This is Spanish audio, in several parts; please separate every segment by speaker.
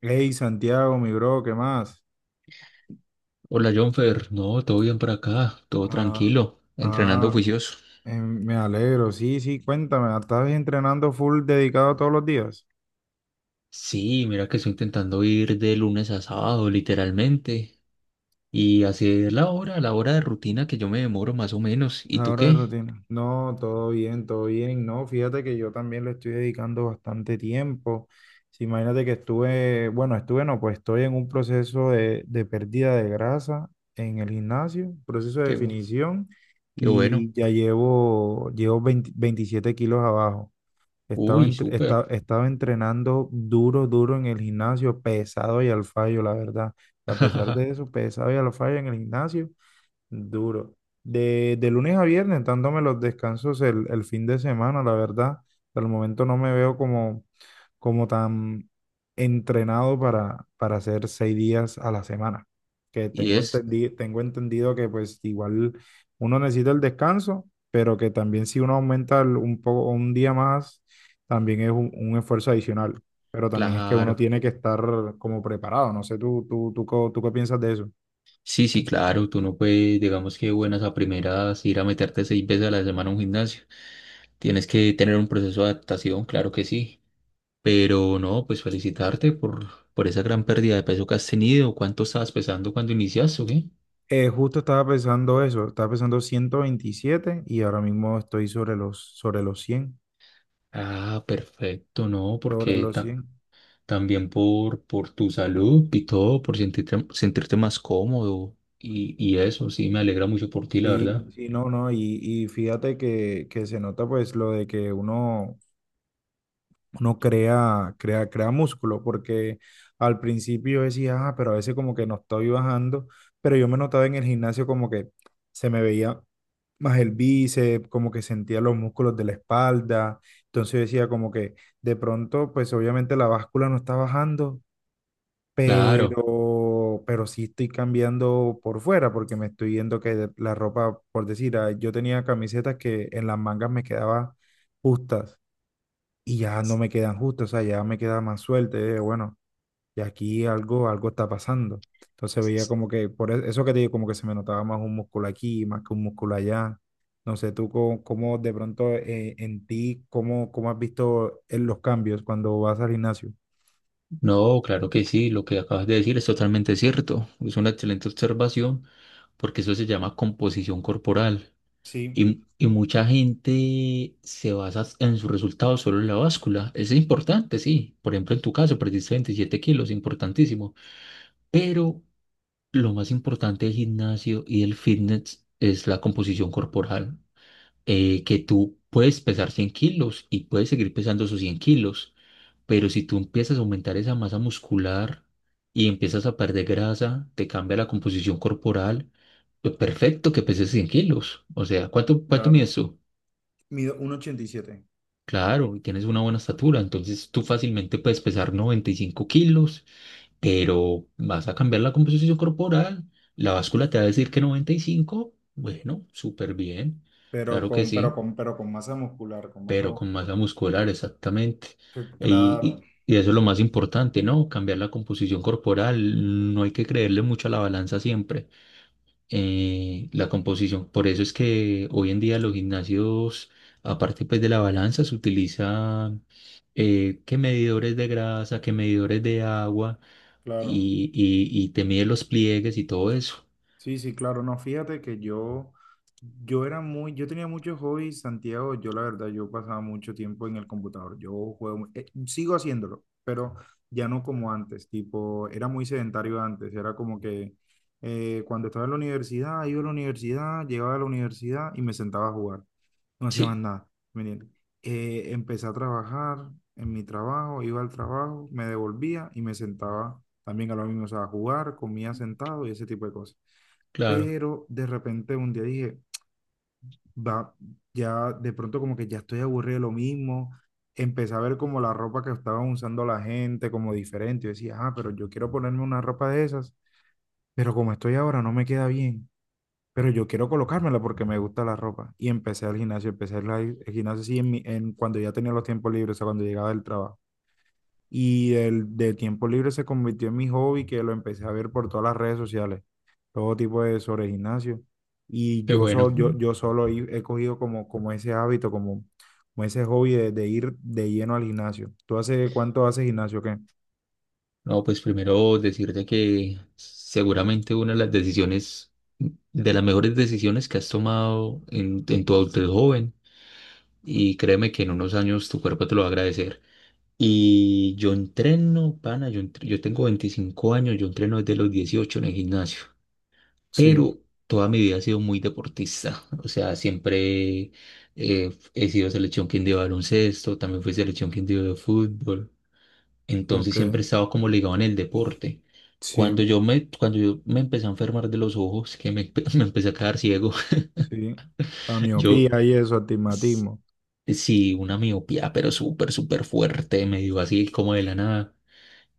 Speaker 1: Hey, Santiago, mi bro, ¿qué más?
Speaker 2: Hola Jonfer, no, todo bien por acá, todo
Speaker 1: Ah,
Speaker 2: tranquilo, entrenando
Speaker 1: ah,
Speaker 2: juicioso.
Speaker 1: Me alegro, sí, sí, cuéntame, ¿estás entrenando full dedicado todos los días?
Speaker 2: Sí, mira que estoy intentando ir de lunes a sábado, literalmente, y hacer la hora de rutina que yo me demoro más o menos. ¿Y
Speaker 1: La
Speaker 2: tú
Speaker 1: hora de
Speaker 2: qué?
Speaker 1: rutina. No, todo bien, no, fíjate que yo también le estoy dedicando bastante tiempo. Sí, imagínate que estuve, bueno, estuve, no, pues estoy en un proceso de pérdida de grasa en el gimnasio, proceso de
Speaker 2: Qué, bu-
Speaker 1: definición,
Speaker 2: qué bueno.
Speaker 1: y ya llevo, llevo 20 27 kilos abajo. Estaba,
Speaker 2: Uy,
Speaker 1: entre-
Speaker 2: súper.
Speaker 1: esta- estaba entrenando duro, duro en el gimnasio, pesado y al fallo, la verdad. A pesar de eso, pesado y al fallo en el gimnasio. Duro. De lunes a viernes, dándome los descansos el fin de semana, la verdad. Al momento no me veo como tan entrenado para hacer 6 días a la semana. Que
Speaker 2: Y
Speaker 1: tengo
Speaker 2: es,
Speaker 1: entendido, tengo entendido que pues igual uno necesita el descanso, pero que también si uno aumenta un poco, un día más, también es un esfuerzo adicional. Pero también es que uno
Speaker 2: claro.
Speaker 1: tiene que estar como preparado. No sé, tú qué piensas de eso.
Speaker 2: Sí, sí, claro, tú no puedes, digamos que buenas a primeras, ir a meterte seis veces a la semana a un gimnasio. Tienes que tener un proceso de adaptación, claro que sí. Pero no, pues felicitarte por, esa gran pérdida de peso que has tenido. ¿Cuánto estabas pesando cuando iniciaste o qué?
Speaker 1: Justo estaba pensando eso, estaba pensando 127 y ahora mismo estoy sobre los, sobre los cien
Speaker 2: Ah, perfecto, no,
Speaker 1: sobre
Speaker 2: porque
Speaker 1: los cien
Speaker 2: también por tu salud y todo, por sentirte más cómodo y eso, sí, me alegra mucho por ti, la
Speaker 1: Sí,
Speaker 2: verdad.
Speaker 1: sí, no, no, y fíjate que se nota pues lo de que uno crea músculo, porque al principio yo decía, ah, pero a veces como que no estoy bajando, pero yo me notaba en el gimnasio como que se me veía más el bíceps, como que sentía los músculos de la espalda, entonces yo decía como que. De pronto, pues obviamente la báscula no está bajando,
Speaker 2: Claro,
Speaker 1: pero sí estoy cambiando por fuera porque me estoy viendo que la ropa, por decir, ah, yo tenía camisetas que en las mangas me quedaban justas y ya no me quedan justas, o sea, ya me queda más suelta, bueno, y aquí algo está pasando. Entonces veía como que, por eso que te digo, como que se me notaba más un músculo aquí, más que un músculo allá. No sé, tú cómo de pronto en ti, cómo has visto los cambios cuando vas al gimnasio.
Speaker 2: no, claro que sí, lo que acabas de decir es totalmente cierto. Es una excelente observación porque eso se llama composición corporal.
Speaker 1: Sí,
Speaker 2: Y mucha gente se basa en sus resultados solo en la báscula. Es importante, sí. Por ejemplo, en tu caso, perdiste 27 kilos, importantísimo. Pero lo más importante del gimnasio y del fitness es la composición corporal. Que tú puedes pesar 100 kilos y puedes seguir pesando esos 100 kilos. Pero si tú empiezas a aumentar esa masa muscular y empiezas a perder grasa, te cambia la composición corporal. Pues perfecto que peses 100 kilos. O sea, ¿cuánto
Speaker 1: claro.
Speaker 2: mides tú?
Speaker 1: Mido 1,87
Speaker 2: Claro, y tienes una buena estatura, entonces tú fácilmente puedes pesar 95 kilos, pero vas a cambiar la composición corporal, la báscula te va a decir que 95, bueno, súper bien,
Speaker 1: pero
Speaker 2: claro que
Speaker 1: con, pero
Speaker 2: sí,
Speaker 1: con, pero con masa muscular, con masa
Speaker 2: pero con
Speaker 1: muscular.
Speaker 2: masa muscular, exactamente.
Speaker 1: Claro,
Speaker 2: Y eso es lo más importante, ¿no? Cambiar la composición corporal, no hay que creerle mucho a la balanza siempre. La composición, por eso es que hoy en día los gimnasios, aparte pues de la balanza, se utiliza qué medidores de grasa, qué medidores de agua
Speaker 1: claro.
Speaker 2: y te mide los pliegues y todo eso.
Speaker 1: Sí, sí, claro, no, fíjate que yo, yo tenía muchos hobbies, Santiago, yo la verdad, yo pasaba mucho tiempo en el computador, yo juego, sigo haciéndolo, pero ya no como antes, tipo, era muy sedentario antes, era como que cuando estaba en la universidad, iba a la universidad, llegaba a la universidad y me sentaba a jugar, no hacía más
Speaker 2: Sí,
Speaker 1: nada, ¿me entiendes? Empecé a trabajar en mi trabajo, iba al trabajo, me devolvía y me sentaba también a lo mismo, o sea, a jugar, comía sentado y ese tipo de cosas.
Speaker 2: claro,
Speaker 1: Pero de repente un día dije, va, ya de pronto como que ya estoy aburrido de lo mismo, empecé a ver como la ropa que estaban usando la gente, como diferente, yo decía, ah, pero yo quiero ponerme una ropa de esas, pero como estoy ahora no me queda bien, pero yo quiero colocármela porque me gusta la ropa, y empecé al gimnasio, sí, cuando ya tenía los tiempos libres, o sea, cuando llegaba del trabajo. Y el de tiempo libre se convirtió en mi hobby, que lo empecé a ver por todas las redes sociales, todo tipo de sobre gimnasio. Y
Speaker 2: qué
Speaker 1: yo,
Speaker 2: bueno.
Speaker 1: yo solo he cogido como, como ese hábito, como ese hobby de ir de lleno al gimnasio. ¿Tú hace cuánto haces gimnasio? ¿O qué?
Speaker 2: No, pues primero decirte que seguramente una de las decisiones, de las mejores decisiones que has tomado en tu adultez joven y créeme que en unos años tu cuerpo te lo va a agradecer. Y yo entreno, pana, yo tengo 25 años, yo entreno desde los 18 en el gimnasio.
Speaker 1: Sí,
Speaker 2: Pero toda mi vida he sido muy deportista. O sea, siempre he sido selección Quindío de baloncesto, también fui selección Quindío de fútbol. Entonces
Speaker 1: ok,
Speaker 2: siempre he estado como ligado en el deporte.
Speaker 1: sí,
Speaker 2: Cuando yo me empecé a enfermar de los ojos, que me, me empecé a quedar ciego,
Speaker 1: sí. La
Speaker 2: yo
Speaker 1: miopía y eso,
Speaker 2: s-
Speaker 1: astigmatismo.
Speaker 2: sí, una miopía, pero súper, súper fuerte, me dio así como de la nada.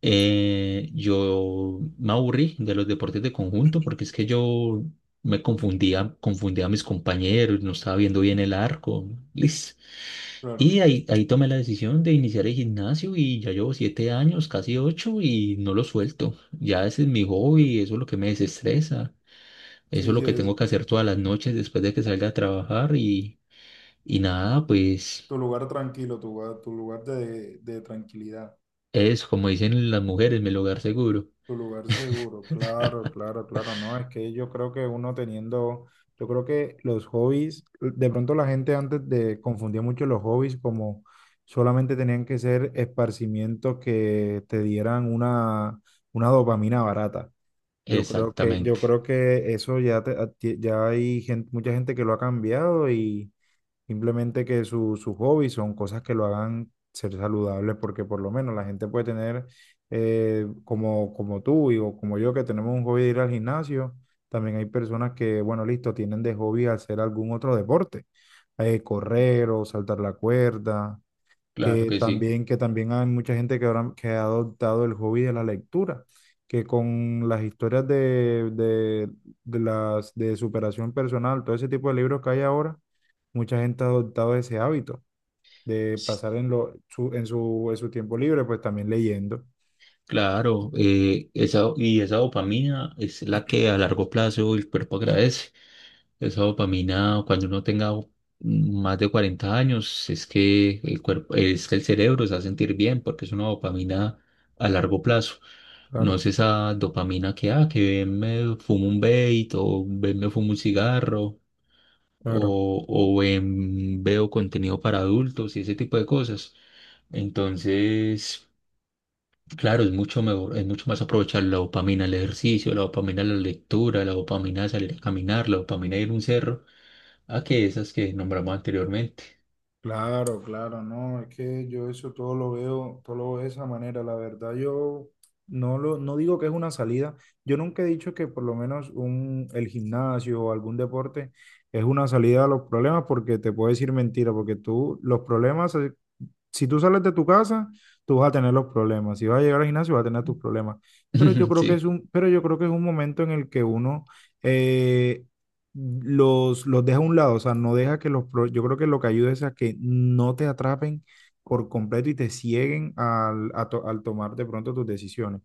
Speaker 2: Yo me aburrí de los deportes de conjunto porque es que yo me confundía a mis compañeros, no estaba viendo bien el arco, lis.
Speaker 1: Claro,
Speaker 2: Y ahí tomé la decisión de iniciar el gimnasio y ya llevo 7 años, casi ocho, y no lo suelto. Ya ese es mi hobby, eso es lo que me desestresa, eso
Speaker 1: sí,
Speaker 2: es
Speaker 1: sí,
Speaker 2: lo que
Speaker 1: es
Speaker 2: tengo que hacer todas las noches después de que salga a trabajar y nada,
Speaker 1: tu
Speaker 2: pues
Speaker 1: lugar tranquilo, tu lugar de tranquilidad.
Speaker 2: es como dicen las mujeres, mi lugar seguro.
Speaker 1: Tu lugar seguro, claro, claro, claro, no, es que yo creo que uno teniendo, yo creo que los hobbies, de pronto la gente antes de confundía mucho los hobbies como solamente tenían que ser esparcimientos que te dieran una dopamina barata. Yo creo que, yo
Speaker 2: Exactamente,
Speaker 1: creo que eso ya, ya hay gente, mucha gente que lo ha cambiado y simplemente sus hobbies son cosas que lo hagan ser saludable, porque por lo menos la gente puede tener, como tú y, o como yo, que tenemos un hobby de ir al gimnasio. También hay personas que, bueno, listo, tienen de hobby hacer algún otro deporte, correr o saltar la cuerda,
Speaker 2: claro
Speaker 1: que
Speaker 2: que sí.
Speaker 1: también, que también hay mucha gente que, ahora, que ha adoptado el hobby de la lectura, que con las historias de superación personal, todo ese tipo de libros que hay ahora mucha gente ha adoptado ese hábito de
Speaker 2: Sí,
Speaker 1: pasar en, lo, su, en, su, en su tiempo libre, pues también leyendo.
Speaker 2: claro, y esa dopamina es la que a largo plazo el cuerpo agradece. Esa dopamina, cuando uno tenga más de 40 años, es que el cuerpo, es que el cerebro se va a sentir bien porque es una dopamina a largo plazo. No
Speaker 1: Claro,
Speaker 2: es esa dopamina que, ah, que ven, me fumo un vape o ven, me fumo un cigarro
Speaker 1: claro.
Speaker 2: o ven, veo contenido para adultos y ese tipo de cosas. Entonces... Claro, es mucho mejor, es mucho más aprovechar la dopamina al ejercicio, la dopamina a la lectura, la dopamina a salir a caminar, la dopamina a ir a un cerro, a que esas que nombramos anteriormente.
Speaker 1: Claro, claro, no, es que yo eso todo lo veo de esa manera. La verdad, yo no lo, no digo que es una salida. Yo nunca he dicho que por lo menos el gimnasio o algún deporte es una salida a los problemas, porque te puedo decir mentira, porque tú, los problemas, si tú sales de tu casa, tú vas a tener los problemas. Si vas a llegar al gimnasio, vas a tener tus problemas.
Speaker 2: Sí,
Speaker 1: Pero yo creo que es un momento en el que uno eh, los deja a un lado. O sea, no deja que los. Yo creo que lo que ayuda es a que no te atrapen por completo y te cieguen al tomar de pronto tus decisiones.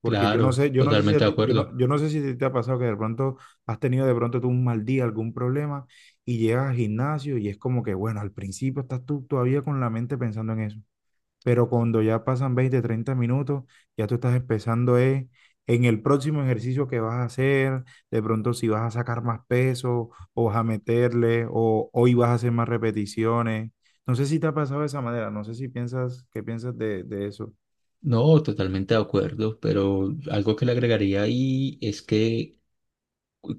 Speaker 1: Porque
Speaker 2: claro,
Speaker 1: yo no sé si a
Speaker 2: totalmente de
Speaker 1: ti- yo no,
Speaker 2: acuerdo.
Speaker 1: yo no sé si te ha pasado que de pronto has tenido de pronto tú un mal día, algún problema y llegas al gimnasio y es como que, bueno, al principio estás tú todavía con la mente pensando en eso, pero cuando ya pasan 20 30 minutos, ya tú estás empezando en el próximo ejercicio que vas a hacer, de pronto si vas a sacar más peso o vas a meterle o hoy vas a hacer más repeticiones. No sé si te ha pasado de esa manera, no sé si piensas, qué piensas de eso.
Speaker 2: No, totalmente de acuerdo, pero algo que le agregaría ahí es que,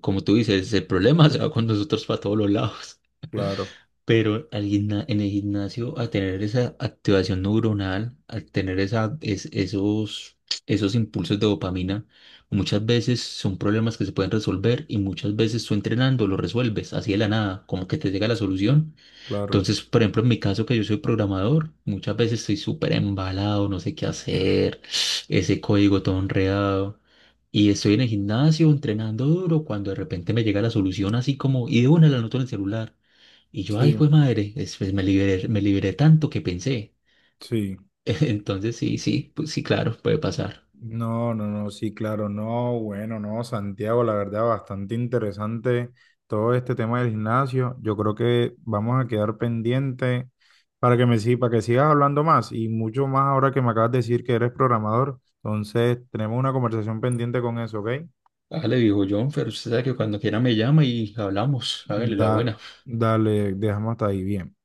Speaker 2: como tú dices, el problema se va con nosotros para todos los lados.
Speaker 1: Claro,
Speaker 2: Pero en el gimnasio, al tener esa activación neuronal, al tener esos impulsos de dopamina, muchas veces son problemas que se pueden resolver y muchas veces tú entrenando lo resuelves así de la nada, como que te llega la
Speaker 1: sí,
Speaker 2: solución.
Speaker 1: claro,
Speaker 2: Entonces, por ejemplo, en mi caso que yo soy programador, muchas veces estoy súper embalado, no sé qué hacer, ese código todo enredado. Y estoy en el gimnasio entrenando duro cuando de repente me llega la solución así como, y de una la anoto en el celular. Y yo, ay,
Speaker 1: sí,
Speaker 2: pues madre, después me liberé tanto que pensé.
Speaker 1: sí.
Speaker 2: Entonces, sí, sí, pues sí, claro, puede pasar.
Speaker 1: No, no, no, sí, claro, no, bueno, no, Santiago, la verdad, bastante interesante todo este tema del gimnasio. Yo creo que vamos a quedar pendiente para que me sigas, para que sigas hablando más y mucho más ahora que me acabas de decir que eres programador. Entonces, tenemos una conversación pendiente con eso, ¿ok?
Speaker 2: Hágale, viejo John, pero usted sabe que cuando quiera me llama y hablamos. Hágale la
Speaker 1: Da-
Speaker 2: buena.
Speaker 1: Dale, dejamos hasta ahí, bien.